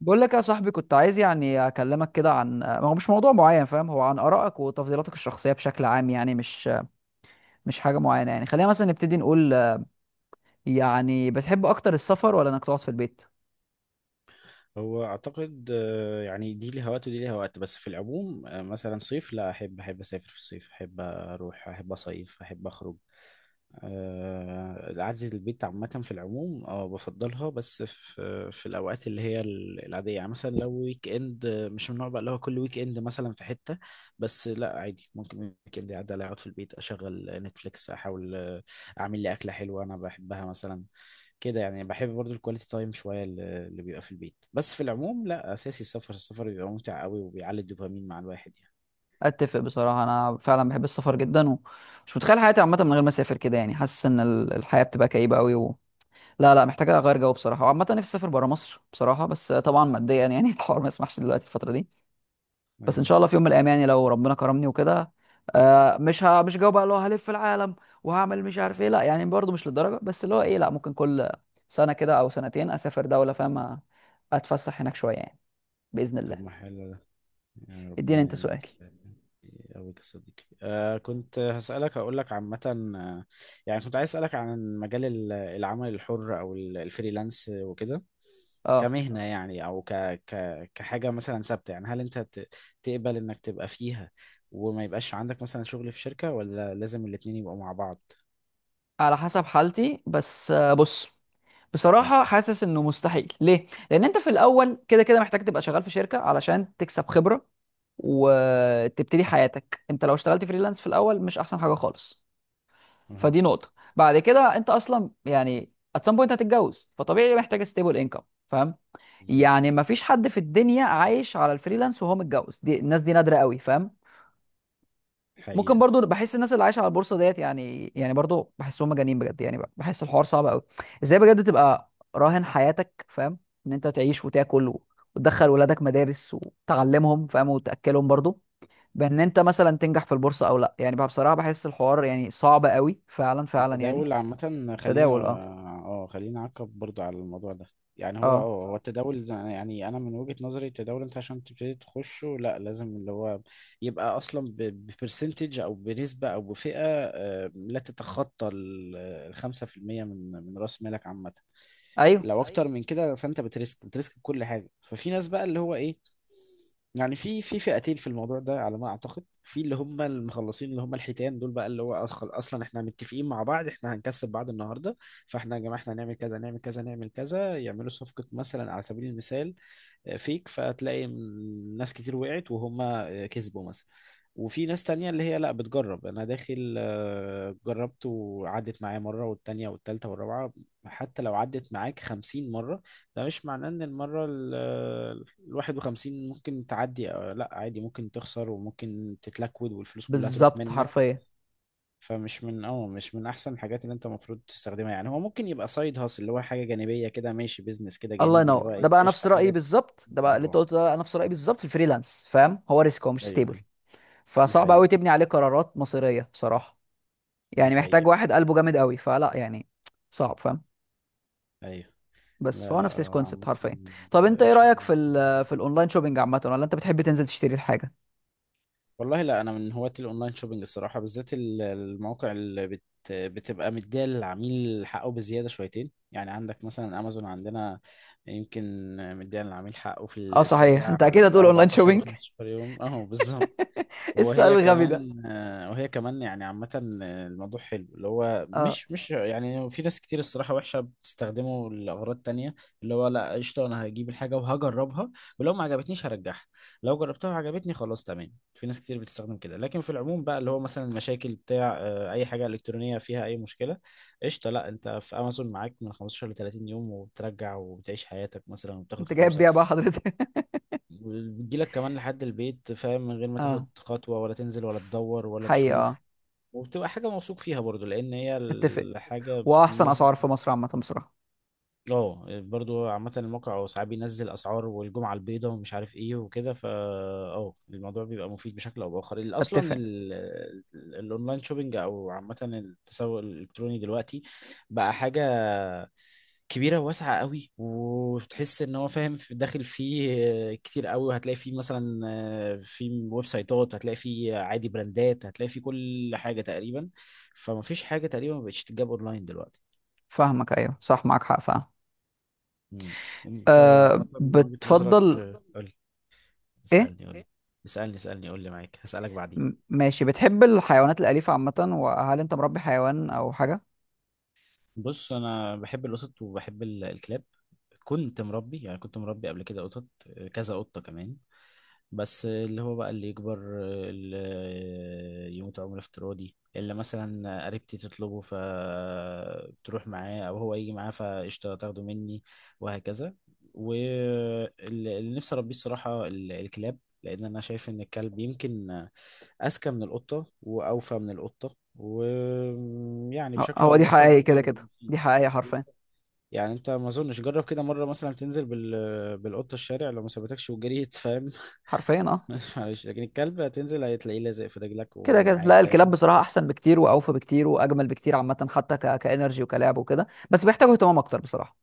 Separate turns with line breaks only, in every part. بقول لك يا صاحبي، كنت عايز يعني اكلمك كده عن ما هو مش موضوع معين، فاهم؟ هو عن ارائك وتفضيلاتك الشخصيه بشكل عام، يعني مش حاجه معينه. يعني خلينا مثلا نبتدي نقول، يعني بتحب اكتر السفر ولا انك تقعد في البيت؟
هو اعتقد يعني دي ليها وقت ودي ليها وقت، بس في العموم مثلا صيف لا، احب اسافر في الصيف، احب اروح، احب اصيف، احب اخرج. قعدة البيت عامة في العموم بفضلها، بس في الأوقات اللي هي العادية، يعني مثلا لو ويك إند، مش من النوع بقى اللي هو كل ويك إند مثلا في حتة. بس لا عادي، ممكن ويك إند يعدي عليا أقعد في البيت أشغل نتفليكس، أحاول أعمل لي أكلة حلوة أنا بحبها مثلا كده، يعني بحب برضو الكواليتي تايم شويه اللي بيبقى في البيت. بس في العموم لا، اساسي السفر. السفر بيبقى ممتع قوي وبيعلي الدوبامين مع الواحد يعني.
اتفق بصراحه، انا فعلا بحب السفر جدا، ومش متخيل حياتي عامه من غير ما اسافر كده. يعني حاسس ان الحياه بتبقى كئيبه قوي لا لا، محتاجه اغير جو بصراحه. وعامه نفسي اسافر بره مصر بصراحه، بس طبعا ماديا يعني الحوار ما يسمحش دلوقتي الفتره دي. بس ان
ايوه.
شاء الله في يوم من الايام، يعني لو ربنا كرمني وكده. آه، مش جاوب بقى اللي هو هلف العالم وهعمل مش عارف ايه. لا يعني برضه مش للدرجه، بس اللي هو ايه، لا ممكن كل سنه كده او سنتين اسافر دوله، فاهم؟ اتفسح هناك شويه يعني، باذن
طب ما
الله.
حلو ده، يعني
اديني انت
ربنا
سؤال.
يقويك يا صديقي. كنت هسألك، هقول لك عامة، آه، يعني كنت عايز أسألك عن مجال العمل الحر أو الفريلانس وكده،
اه،
كمهنة يعني، أو ك ك كحاجة مثلا ثابتة، يعني هل أنت تقبل إنك تبقى فيها وما يبقاش عندك مثلا شغل في شركة، ولا لازم الاتنين يبقوا مع بعض؟
على حسب حالتي بس. بص،
اه،
بصراحه حاسس انه مستحيل. ليه؟ لان انت في الاول كده كده محتاج تبقى شغال في شركه علشان تكسب خبره وتبتدي حياتك. انت لو اشتغلت فريلانس في الاول مش احسن حاجه خالص.
اه،
فدي نقطة. بعد كده انت اصلا يعني at some point هتتجوز، فطبيعي محتاج stable income، فاهم؟ يعني
بالظبط.
مفيش حد في الدنيا عايش على الفريلانس وهو متجوز، دي الناس دي نادرة قوي، فاهم؟ ممكن
حقيقة،
برضو بحس الناس اللي عايشة على البورصة ديت، يعني يعني برضو بحسهم مجانين بجد، يعني بحس الحوار صعب قوي. ازاي بجد تبقى راهن حياتك، فاهم؟ ان انت تعيش وتاكل وتدخل ولادك مدارس وتعلمهم، فاهم؟ وتأكلهم برضو، بان انت مثلا تنجح في البورصة او لا. يعني بقى بصراحة بحس الحوار يعني صعب قوي، فعلا فعلا يعني.
التداول عامة،
تداول، اه.
خلينا نعقب برضه على الموضوع ده. يعني هو
اه.
اه هو التداول، يعني انا من وجهة نظري التداول، انت عشان تبتدي تخشه لا، لازم اللي هو يبقى اصلا ببرسنتج او بنسبة او بفئة، لا تتخطى ال5% من راس مالك عامة.
ايوه
لو، ايوه، اكتر، ايوه، من كده، فانت بتريسك كل حاجة. ففي ناس بقى اللي هو ايه، يعني في فئتين في الموضوع ده على ما اعتقد. في اللي هم المخلصين، اللي هم الحيتان دول، بقى اللي هو اصلا احنا متفقين مع بعض، احنا هنكسب بعض النهارده. فاحنا يا جماعه احنا هنعمل كذا، نعمل كذا، نعمل كذا، يعملوا صفقه مثلا على سبيل المثال، فيك، فتلاقي ناس كتير وقعت وهم كسبوا مثلا. وفي ناس تانية اللي هي لا، بتجرب، انا داخل جربت وعدت معايا مرة والتانية والتالتة والرابعة. حتى لو عدت معاك 50 مرة، ده مش معناه ان المرة 51 ممكن تعدي. لا، عادي ممكن تخسر وممكن تتلكود والفلوس كلها تروح
بالظبط
منك بالظبط.
حرفيا.
فمش من اه مش من احسن الحاجات اللي انت المفروض تستخدمها، يعني هو ممكن يبقى سايد هاسل، اللي هو حاجه جانبيه كده، ماشي، بيزنس كده
الله
جانبي، اللي هو
ينور،
هو ايه،
ده بقى
قشطه
نفس
بالظبط،
رايي
حاجه
بالظبط. ده
تجيب
بقى اللي انت
ارباح.
قلته ده بقى نفس رايي بالظبط في الفريلانس، فاهم؟ هو ريسك، هو مش
ايوه،
ستيبل،
ايوه. دي
فصعب
حقيقه،
قوي تبني عليه قرارات مصيريه بصراحه.
دي
يعني محتاج
حقيقه.
واحد قلبه جامد قوي، فلا يعني صعب، فاهم؟
ايوه،
بس
لا،
فهو
لا،
نفس
هو
الكونسبت
عامه
حرفيا. طب انت ايه رايك في
الشغل.
في الاونلاين شوبينج عامه، ولا انت بتحب تنزل تشتري الحاجه؟
والله لا، انا من هواة الاونلاين شوبينج الصراحه، بالذات المواقع اللي بتبقى مديه للعميل حقه بزياده شويتين. يعني عندك مثلا امازون عندنا، يمكن مديه للعميل حقه في
اه صحيح،
الاسترجاع،
انت اكيد
كده
هتقول اونلاين
14
شوبينج
طبعا و15 يوم، اهو بالظبط.
ايه السؤال الغبي ده.
وهي كمان يعني عامة الموضوع حلو، اللي هو
اه،
مش يعني في ناس كتير الصراحة وحشة بتستخدمه لأغراض تانية. اللي هو لا، قشطة، أنا هجيب الحاجة وهجربها، ولو ما عجبتنيش هرجعها، لو جربتها وعجبتني خلاص تمام. في ناس كتير بتستخدم كده، لكن في العموم بقى اللي هو مثلا المشاكل بتاع أي حاجة إلكترونية فيها أي مشكلة، قشطة لا، أنت في أمازون معاك من 15 ل 30 يوم، وبترجع وبتعيش حياتك مثلا وبتاخد
انت جايب بيها
فلوسك.
بقى حضرتك.
بتجيلك كمان لحد البيت، فاهم، من غير ما
اه،
تاخد خطوة ولا تنزل ولا تدور ولا
حقيقه اه.
تشوف. وبتبقى حاجة موثوق فيها برضو، لأن هي
اتفق.
الحاجة
واحسن
بالنسبة.
اسعار في مصر عامه بصراحه.
اه، برضو عامة الموقع ساعات بينزل أسعار، والجمعة البيضاء ومش عارف ايه وكده، فا اه الموضوع بيبقى مفيد بشكل أو بآخر. أصلا
اتفق.
الأونلاين شوبينج أو عامة التسوق الإلكتروني دلوقتي بقى حاجة كبيره وواسعه قوي، وتحس ان هو فاهم في داخل فيه كتير قوي. وهتلاقي فيه مثلا في ويب سايتات، هتلاقي فيه عادي براندات، هتلاقي فيه كل حاجه تقريبا. فما فيش حاجه تقريبا ما بقتش تتجاب اونلاين دلوقتي.
فاهمك، ايوه صح، معاك حق، فاهم.
مم. انت عامه
أه،
من وجهه نظرك،
بتفضل.
بتفضل قول.
ايه؟
اسالني، قول ايه؟ اسالني، اسالني، قول لي، معاك هسالك بعدين.
ماشي، بتحب الحيوانات الاليفه عامه، وهل انت مربي حيوان او حاجه؟
بص، انا بحب القطط وبحب الكلاب. كنت مربي قبل كده قطط، كذا قطة كمان. بس اللي هو بقى، اللي يكبر، اللي يموت عمر افتراضي، اللي مثلا قريبتي تطلبه فبتروح معاه او هو يجي معاه فقشطة تاخده مني، وهكذا. واللي نفسي اربيه الصراحة الكلاب، لان انا شايف ان الكلب يمكن اذكى من القطة واوفى من القطة، ويعني
آه،
بشكل
هو
او
دي
باخر
حقيقي،
برضه
كده
هيبقى
كده
مفيد.
دي حقيقي حرفيا.
يعني انت ما اظنش جرب كده مره مثلا تنزل بالقطه الشارع، لو ما سابتكش وجريت، فاهم.
حرفيا اه.
معلش، لكن الكلب هتنزل هتلاقيه لازق في رجلك
كده كده،
ومعاك
لا الكلاب
دايما،
بصراحه احسن بكتير واوفى بكتير واجمل بكتير عامه، حتى كانرجي وكلعب وكده، بس بيحتاجوا اهتمام اكتر بصراحه.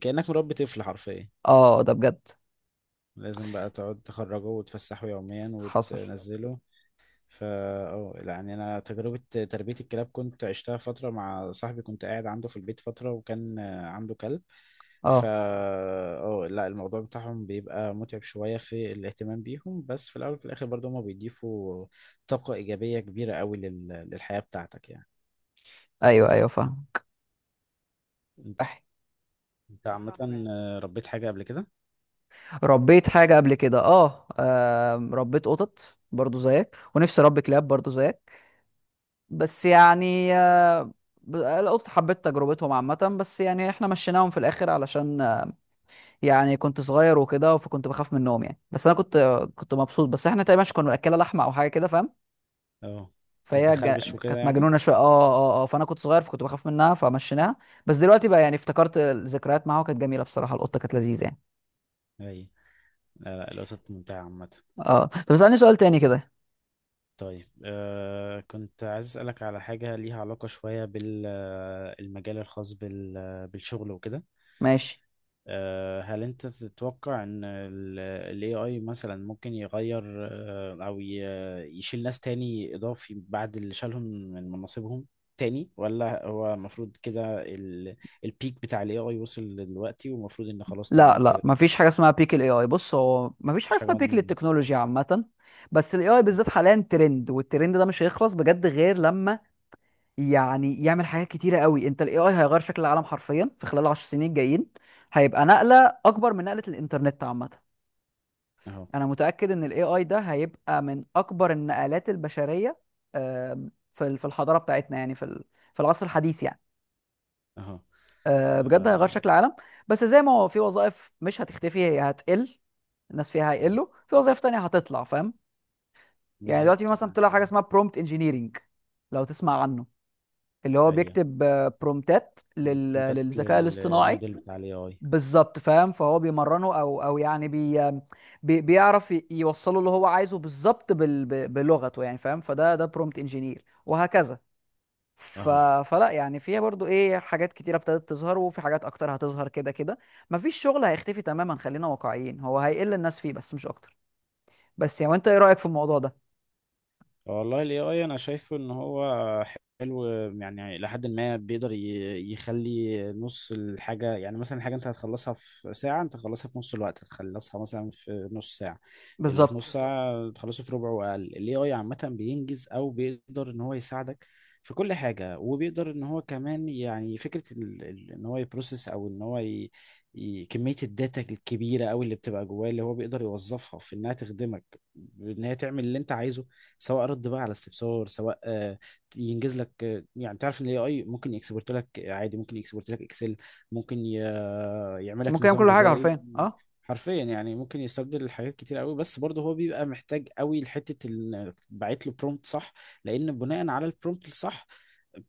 كانك مربي طفل حرفيا.
اه ده بجد.
لازم بقى تقعد تخرجه وتفسحه يوميا
حصل.
وتنزله. فا اه يعني انا تجربه تربيه الكلاب كنت عشتها فتره مع صاحبي، كنت قاعد عنده في البيت فتره وكان عنده كلب. فا
اه.
اه لا، الموضوع بتاعهم بيبقى متعب شويه في الاهتمام بيهم، بس في الاول وفي الاخر برضه هما بيضيفوا طاقه ايجابيه كبيره قوي للحياه بتاعتك يعني.
ايوه ايوه فاهم.
انت أنت عامه صح فعلا، ربيت حاجه قبل كده.
ربيت حاجة قبل كده اه. آم، ربيت قطط برضو زيك، ونفسي اربي كلاب برضو زيك. بس يعني آه، القطط حبيت تجربتهم عامة. بس يعني احنا مشيناهم في الاخر علشان آه، يعني كنت صغير وكده، فكنت بخاف منهم يعني. بس انا كنت آه، كنت مبسوط. بس احنا تقريبا كنا بناكلها لحمة او حاجة كده، فاهم؟
اه كانت
فهي جا-
بتخربش وكده
كانت
يعني.
مجنونة شوية. اه اه اه، آه، فانا كنت صغير فكنت بخاف منها فمشيناها. بس دلوقتي بقى يعني افتكرت الذكريات معاها، وكانت جميلة بصراحة، القطة كانت لذيذة يعني.
اي، لا، لا، القطط ممتعه عامه.
اه طب اسألني سؤال تاني كده.
طيب، كنت عايز أسألك على حاجة ليها علاقة شوية بالمجال الخاص بالشغل وكده.
ماشي.
هل أنت تتوقع إن ال AI مثلا ممكن يغير، أو يشيل ناس تاني إضافي بعد اللي شالهم من مناصبهم تاني؟ ولا هو المفروض كده البيك بتاع ال AI وصل دلوقتي ومفروض إن خلاص
لا
تمام
لا،
كده؟
مفيش حاجه اسمها بيك الاي اي. بص هو مفيش حاجه
مفيش حاجة
اسمها بيك
مضمونة.
للتكنولوجيا عامه، بس الاي اي بالذات حاليا ترند، والترند ده مش هيخلص بجد غير لما يعني يعمل حاجات كتيره قوي. انت الاي اي هيغير شكل العالم حرفيا في خلال 10 سنين الجايين. هيبقى نقله اكبر من نقله الانترنت عامه.
أهو،
انا متاكد ان الاي اي ده هيبقى من اكبر النقلات البشريه، آم، في في الحضاره بتاعتنا، يعني في في العصر الحديث يعني.
أهو،
آه، بجد هيغير
آه،
شكل العالم. بس زي ما هو، في وظائف مش هتختفي، هي هتقل الناس فيها،
آه،
هيقلوا. في وظائف تانية هتطلع، فاهم؟ يعني دلوقتي في
بالظبط،
مثلا طلع حاجة اسمها برومبت انجينيرنج، لو تسمع عنه، اللي هو
أيوه.
بيكتب آه، برومتات
كونتاكت
للذكاء الاصطناعي.
للموديل بتاع الاي اي،
بالظبط فاهم. فهو بيمرنه او او يعني بيعرف يوصله اللي هو عايزه بالظبط بلغته يعني، فاهم؟ فده ده برومبت انجينير وهكذا. ف...
اهو.
فلا يعني فيها برضو ايه، حاجات كتيرة ابتدت تظهر، وفي حاجات اكتر هتظهر كده كده. مفيش شغل هيختفي تماما، خلينا واقعيين، هو هيقل الناس فيه بس مش اكتر. بس يعني وانت ايه رأيك في الموضوع ده؟
والله ال AI أنا شايفه إن هو حلو، يعني لحد ما بيقدر يخلي نص الحاجة. يعني مثلا الحاجة أنت هتخلصها في ساعة، أنت هتخلصها في نص الوقت، هتخلصها مثلا في نص ساعة، اللي في نص
بالظبط،
بالظبط ساعة تخلصه في ربع وأقل. ال AI عامة بينجز، أو بيقدر إن هو يساعدك في كل حاجة، وبيقدر إن هو كمان يعني فكرة إن هو يبروسس، أو إن هو كمية الداتا الكبيرة أوي اللي بتبقى جواه، اللي هو بيقدر يوظفها في إنها تخدمك، إن هي تعمل اللي أنت عايزه، سواء رد بقى على استفسار، سواء ينجز لك، يعني تعرف ان الاي اي ممكن يكسبورت لك عادي، ممكن يكسبورت لك اكسل، ممكن يعمل لك
ممكن يعمل
نظام
كل حاجة
غذائي
حرفيا اه.
حرفيا. يعني ممكن يستبدل حاجات كتير قوي، بس برضه هو بيبقى محتاج قوي لحته بعت له برومبت صح، لان بناء على البرومبت الصح.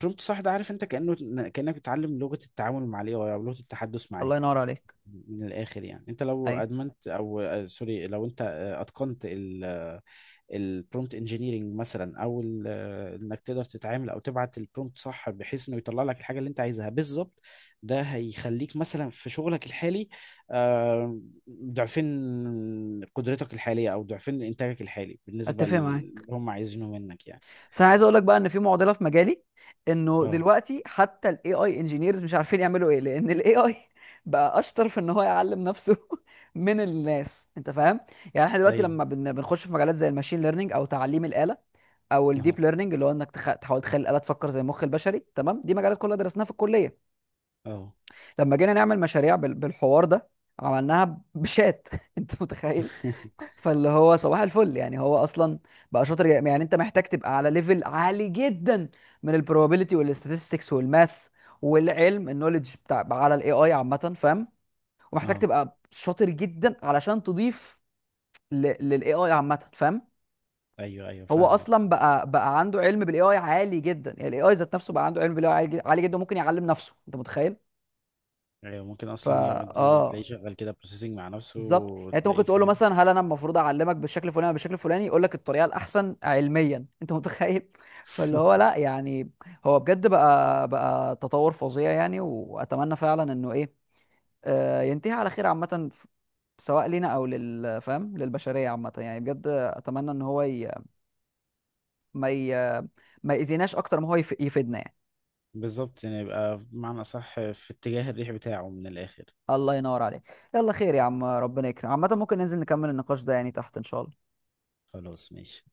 برومبت صح ده، عارف، انت كانك بتتعلم لغه التعامل مع الاي اي، او لغه التحدث معاه.
الله ينور عليك.
من الاخر، يعني انت لو
اي.
ادمنت او سوري، لو انت اتقنت البرومبت انجينيرنج مثلا، او انك تقدر تتعامل او تبعت البرومبت صح بحيث انه يطلع لك الحاجه اللي انت عايزها بالظبط، ده هيخليك مثلا في شغلك الحالي آه، ضعفين قدرتك الحاليه، او ضعفين انتاجك الحالي بالنسبه
اتفق
اللي
معاك.
هم عايزينه منك يعني.
بس انا عايز اقول لك بقى ان في معضلة في مجالي، انه
اه،
دلوقتي حتى الاي اي انجينيرز مش عارفين يعملوا ايه، لان الاي اي بقى اشطر في ان هو يعلم نفسه من الناس، انت فاهم؟ يعني احنا دلوقتي لما
ايوه.
بنخش في مجالات زي الماشين ليرنينج او تعليم الآلة، او
اهو،
الديب ليرنينج، اللي هو انك تحاول تخلي الآلة تفكر زي المخ البشري. تمام، دي مجالات كلها درسناها في الكلية.
اهو.
لما جينا نعمل مشاريع بالحوار ده، عملناها بشات انت متخيل؟ فاللي هو صباح الفل يعني. هو اصلا بقى شاطر يعني انت محتاج تبقى على ليفل عالي جدا من البروبابيلتي والاستاتستكس والماث، والعلم النوليدج بتاع على الاي اي عامه، فاهم؟ ومحتاج
اه،
تبقى شاطر جدا علشان تضيف للاي اي عامه، فاهم؟
ايوه، ايوه،
هو
فاهمك.
اصلا بقى عنده علم بالاي اي عالي جدا. يعني الاي اي ذات نفسه بقى عنده علم بالاي اي عالي جدا، وممكن يعلم نفسه، انت متخيل؟
ايوه، ممكن
فا
اصلا يقعد تلاقيه
اه
شغال كده بروسيسنج مع نفسه،
بالظبط. يعني انت
وتلاقيه
ممكن تقول له
فاهم.
مثلا هل انا المفروض اعلمك بالشكل الفلاني ولا بالشكل الفلاني، يقول لك الطريقه الاحسن علميا، انت متخيل؟ فاللي هو لا يعني، هو بجد بقى تطور فظيع يعني. واتمنى فعلا انه ايه، آه، ينتهي على خير عامه، سواء لينا او لل، فاهم؟ للبشريه عامه يعني، بجد اتمنى ان هو ما ي... ما يأذيناش اكتر ما هو يفيدنا يعني.
بالظبط. يعني يبقى بمعنى أصح في اتجاه الريح بتاعه من الآخر.
الله ينور عليك. يلا خير يا عم، ربنا يكرم عامه. ممكن ننزل نكمل النقاش ده يعني تحت ان شاء الله.
خلاص ماشي.